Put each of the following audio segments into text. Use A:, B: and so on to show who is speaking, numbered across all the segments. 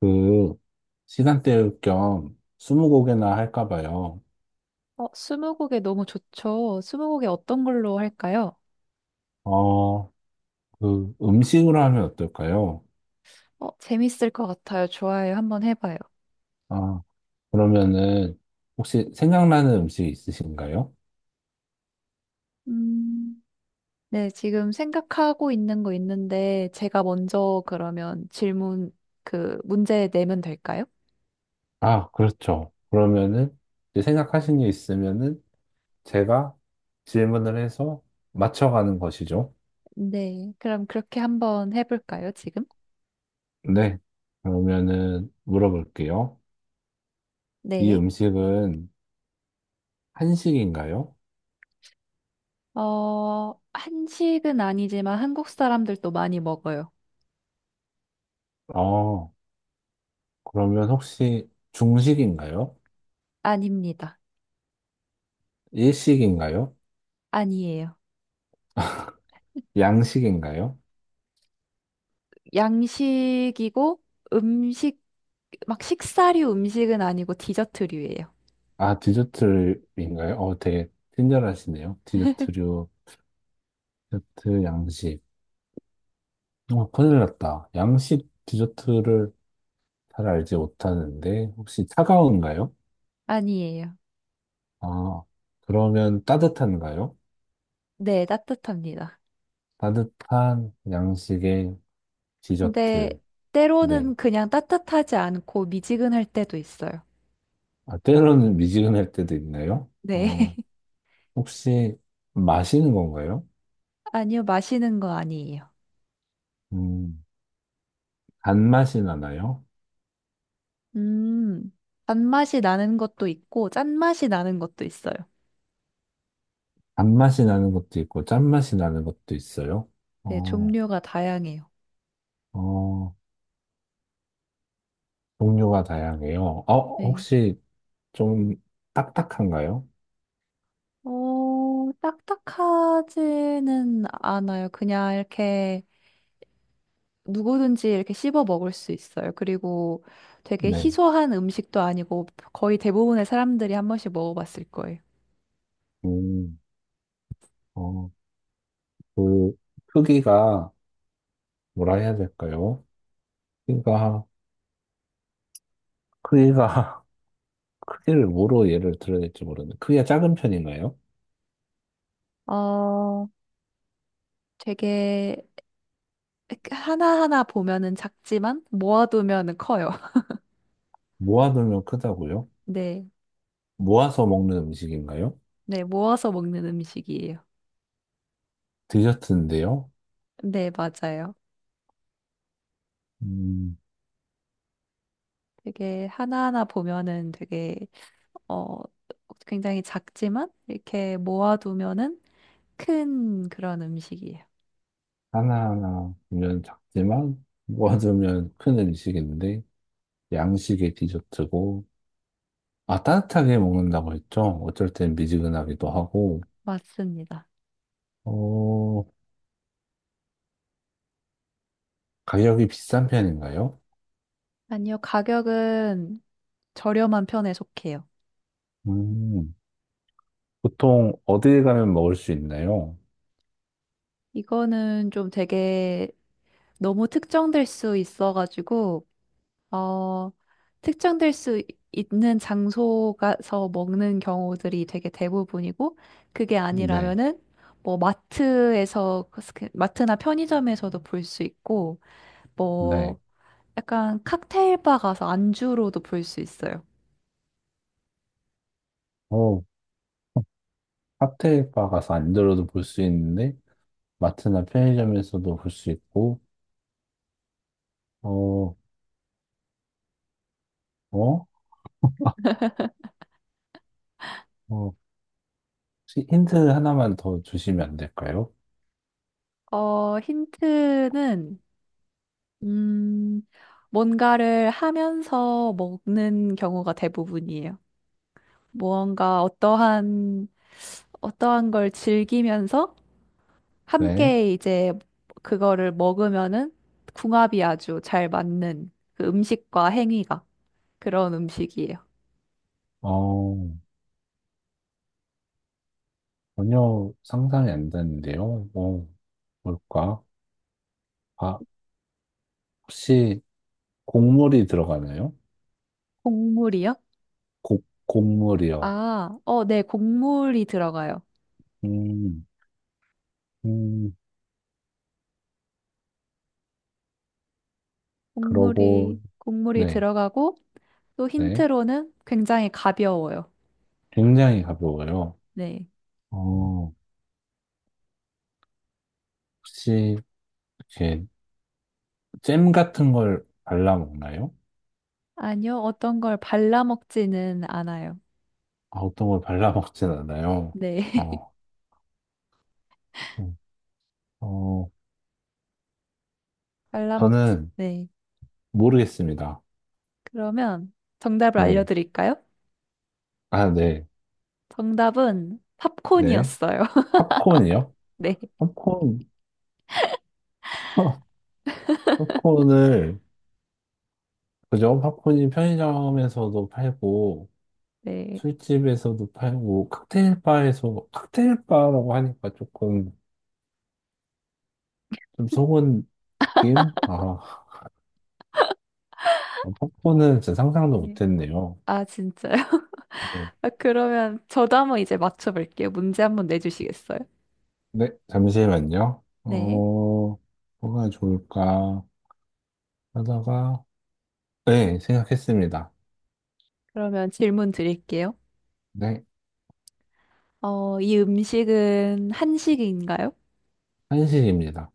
A: 그 시간 때울 겸 스무고개나 할까 봐요.
B: 스무고개 너무 좋죠. 스무고개 어떤 걸로 할까요?
A: 어, 음식으로 하면 어떨까요?
B: 재밌을 것 같아요. 좋아요. 한번 해봐요.
A: 아, 그러면은 혹시 생각나는 음식 있으신가요?
B: 음, 네, 지금 생각하고 있는 거 있는데, 제가 먼저 그러면 문제 내면 될까요?
A: 아, 그렇죠. 그러면은 이제 생각하신 게 있으면은 제가 질문을 해서 맞춰가는 것이죠.
B: 네, 그럼 그렇게 한번 해볼까요, 지금?
A: 네. 그러면은 물어볼게요. 이
B: 네.
A: 음식은 한식인가요?
B: 한식은 아니지만 한국 사람들도 많이 먹어요.
A: 어, 그러면 혹시 중식인가요?
B: 아닙니다.
A: 일식인가요?
B: 아니에요.
A: 양식인가요?
B: 양식이고 음식 막 식사류 음식은 아니고 디저트류예요.
A: 아, 디저트인가요? 어, 되게 친절하시네요. 디저트류, 디저트 양식. 어, 큰일 났다. 양식 디저트를 잘 알지 못하는데, 혹시 차가운가요?
B: 아니에요.
A: 아, 그러면 따뜻한가요?
B: 네, 따뜻합니다.
A: 따뜻한 양식의
B: 근데
A: 디저트. 네.
B: 때로는 그냥 따뜻하지 않고 미지근할 때도 있어요.
A: 아, 때로는 미지근할 때도 있나요?
B: 네.
A: 어, 혹시 마시는 건가요?
B: 아니요, 마시는 거 아니에요.
A: 음, 단맛이 나나요?
B: 음, 단맛이 나는 것도 있고 짠맛이 나는 것도 있어요.
A: 단맛이 나는 것도 있고 짠맛이 나는 것도 있어요.
B: 네,
A: 어,
B: 종류가 다양해요.
A: 어, 종류가 다양해요. 어,
B: 네.
A: 혹시 좀 딱딱한가요?
B: 딱딱하지는 않아요. 그냥 이렇게 누구든지 이렇게 씹어 먹을 수 있어요. 그리고 되게
A: 네.
B: 희소한 음식도 아니고 거의 대부분의 사람들이 한 번씩 먹어봤을 거예요.
A: 음, 어, 그 크기가 뭐라 해야 될까요? 크기가 크기가 크기를 뭐로 예를 들어야 될지 모르는데 크기가 작은 편인가요?
B: 어, 되게 하나하나 보면은 작지만 모아두면은 커요.
A: 모아두면 크다고요?
B: 네.
A: 모아서 먹는 음식인가요?
B: 네, 모아서 먹는 음식이에요.
A: 디저트인데요.
B: 네, 맞아요.
A: 음,
B: 되게 하나하나 보면은 되게 어 굉장히 작지만 이렇게 모아두면은 큰 그런 음식이에요.
A: 하나하나 보면 작지만 모아두면 큰 음식인데 양식의 디저트고, 아, 따뜻하게 먹는다고 했죠? 어쩔 땐 미지근하기도 하고,
B: 맞습니다.
A: 어, 가격이 비싼 편인가요?
B: 아니요, 가격은 저렴한 편에 속해요.
A: 음, 보통 어디에 가면 먹을 수 있나요?
B: 이거는 좀 되게 너무 특정될 수 있어가지고, 어, 특정될 수 있- 있는 장소가서 먹는 경우들이 되게 대부분이고, 그게
A: 네,
B: 아니라면은, 뭐, 그 마트나 편의점에서도 볼 수 있고,
A: 네.
B: 뭐, 약간 칵테일 바 가서 안주로도 볼 수 있어요.
A: 어, 칵테일 바 가서 안 들어도 볼 수 있는데, 마트나 편의점에서도 볼 수 있고, 어, 어? 어, 혹시 힌트 하나만 더 주시면 안 될까요?
B: 어, 힌트는 음, 뭔가를 하면서 먹는 경우가 대부분이에요. 무언가 어떠한, 어떠한 걸 즐기면서
A: 네.
B: 함께 이제 그거를 먹으면은 궁합이 아주 잘 맞는 그 음식과 행위가 그런 음식이에요.
A: 어, 전혀 상상이 안 되는데요. 어, 뭘까? 바, 혹시 곡물이 들어가나요?
B: 곡물이요?
A: 곡물이요.
B: 네, 곡물이 들어가요.
A: 음, 음, 그러고,
B: 곡물이
A: 네,
B: 들어가고 또
A: 네.
B: 힌트로는 굉장히 가벼워요.
A: 굉장히 가벼워요.
B: 네.
A: 어, 혹시, 이렇게, 잼 같은 걸 발라 먹나요?
B: 아니요, 어떤 걸 발라먹지는 않아요.
A: 아, 어떤 걸 발라 먹진 않아요.
B: 네.
A: 어, 음, 어,
B: 발라먹지.
A: 저는
B: 네.
A: 모르겠습니다.
B: 그러면 정답을
A: 네.
B: 알려드릴까요?
A: 아, 네,
B: 정답은
A: 네.
B: 팝콘이었어요.
A: 팝콘이요?
B: 네.
A: 팝콘, 팝콘을, 그죠? 팝콘이 편의점에서도 팔고,
B: 네.
A: 술집에서도 팔고 칵테일 바에서 칵테일 바라고 하니까 조금 좀 속은 느낌? 아, 팝콘은 진짜 상상도
B: 네.
A: 못했네요.
B: 아, 진짜요?
A: 어,
B: 아, 그러면 저도 한번 이제 맞춰볼게요. 문제 한번 내주시겠어요?
A: 네, 잠시만요. 어,
B: 네.
A: 뭐가 좋을까 하다가 네, 생각했습니다.
B: 그러면 질문 드릴게요.
A: 네,
B: 어, 이 음식은 한식인가요?
A: 한식입니다.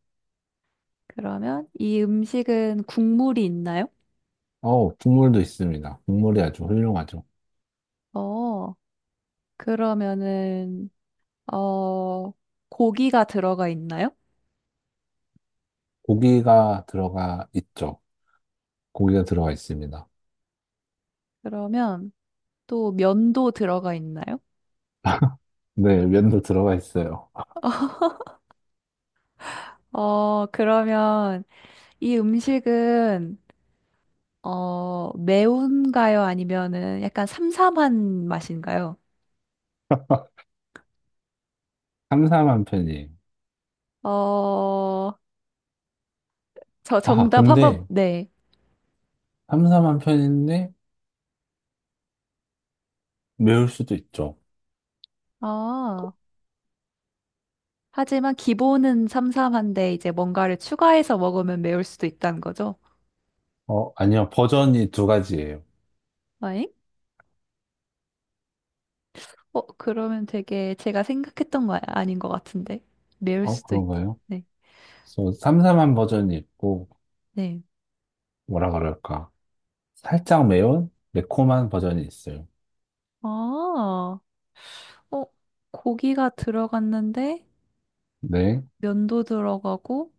B: 그러면 이 음식은 국물이 있나요?
A: 어, 국물도 있습니다. 국물이 아주 훌륭하죠.
B: 어, 그러면은 어, 고기가 들어가 있나요?
A: 고기가 들어가 있죠. 고기가 들어가 있습니다.
B: 그러면 또 면도 들어가 있나요?
A: 네, 면도 들어가 있어요.
B: 어, 그러면 이 음식은 매운가요? 아니면은 약간 삼삼한 맛인가요?
A: 삼삼한 편이에요.
B: 어, 저
A: 아,
B: 정답 한번
A: 근데
B: 네.
A: 삼삼한 편인데 매울 수도 있죠.
B: 아, 하지만 기본은 삼삼한데 이제 뭔가를 추가해서 먹으면 매울 수도 있다는 거죠?
A: 어, 아니요. 버전이 두 가지예요.
B: 아잉? 어, 그러면 되게 제가 생각했던 거 아닌 것 같은데. 매울
A: 어,
B: 수도 있.
A: 그런가요?
B: 네.
A: 그래서 삼삼한 버전이 있고,
B: 네.
A: 뭐라 그럴까. 살짝 매운? 매콤한 버전이 있어요.
B: 아, 어, 고기가 들어갔는데
A: 네,
B: 면도 들어가고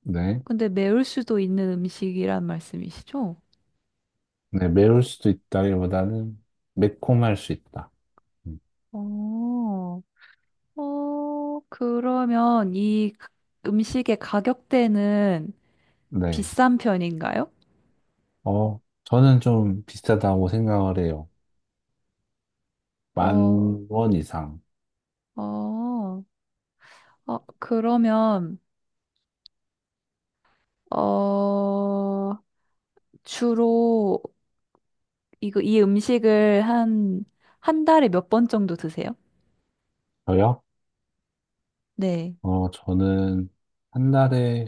A: 네.
B: 근데 매울 수도 있는 음식이란 말씀이시죠?
A: 네, 매울 수도 있다기보다는 매콤할 수 있다. 음,
B: 어, 그러면 음식의 가격대는
A: 네.
B: 비싼 편인가요?
A: 어, 저는 좀 비싸다고 생각을 해요. 만
B: 어,
A: 원 이상.
B: 어, 어, 그러면 어, 주로 이거 이 음식을 한 달에 몇 번 정도 드세요?
A: 저요?
B: 네.
A: 어, 저는 한 달에,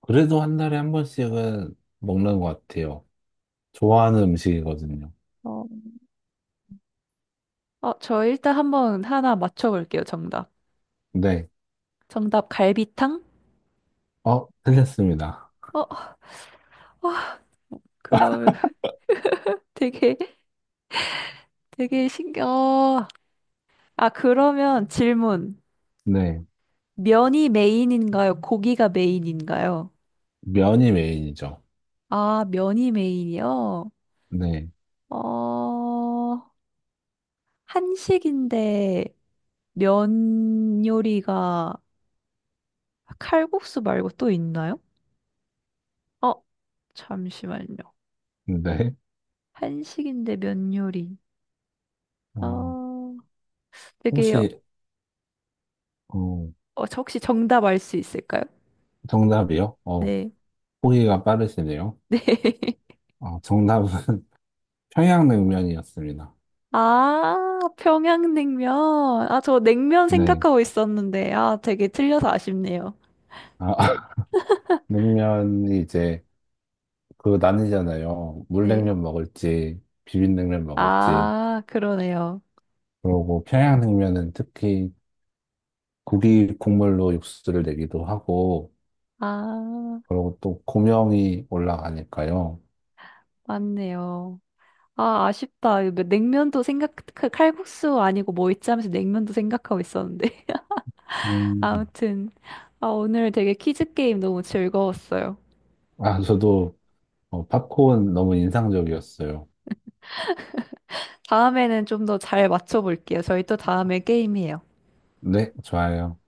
A: 그래도 한 달에 한 번씩은 먹는 것 같아요. 좋아하는 음식이거든요.
B: 어, 저 일단 한번 하나 맞춰볼게요, 정답.
A: 네.
B: 정답, 갈비탕?
A: 어, 틀렸습니다.
B: 어, 와, 그러면 되게, 되게 신기해. 어, 아, 그러면 질문.
A: 네.
B: 면이 메인인가요? 고기가 메인인가요?
A: 면이 메인이죠.
B: 아, 면이 메인이요?
A: 네.
B: 어, 한식인데 면 요리가 칼국수 말고 또 있나요? 어, 잠시만요.
A: 네.
B: 한식인데 면 요리.
A: 어,
B: 어, 되게
A: 혹시, 어,
B: 저 혹시 정답 알 수 있을까요?
A: 정답이요? 어,
B: 네.
A: 보기가 빠르시네요.
B: 네.
A: 어, 정답은 평양냉면이었습니다.
B: 아, 평양냉면. 아, 저 냉면
A: 네.
B: 생각하고 있었는데, 아, 되게 틀려서 아쉽네요.
A: 아, 냉면이 이제 그 나뉘잖아요.
B: 네.
A: 물냉면 먹을지, 비빔냉면 먹을지.
B: 아, 그러네요.
A: 그러고 평양냉면은 특히 고기 국물로 육수를 내기도 하고,
B: 아,
A: 그리고 또 고명이 올라가니까요.
B: 맞네요. 아, 아쉽다. 이거 뭐 냉면도 생각, 그 칼국수 아니고 뭐 있지 하면서 냉면도 생각하고 있었는데.
A: 음.
B: 아무튼, 아, 오늘 되게 퀴즈 게임 너무 즐거웠어요.
A: 아, 저도 어, 팝콘 너무 인상적이었어요.
B: 다음에는 좀 더 잘 맞춰볼게요. 저희 또 다음에 게임해요.
A: 네, 좋아요.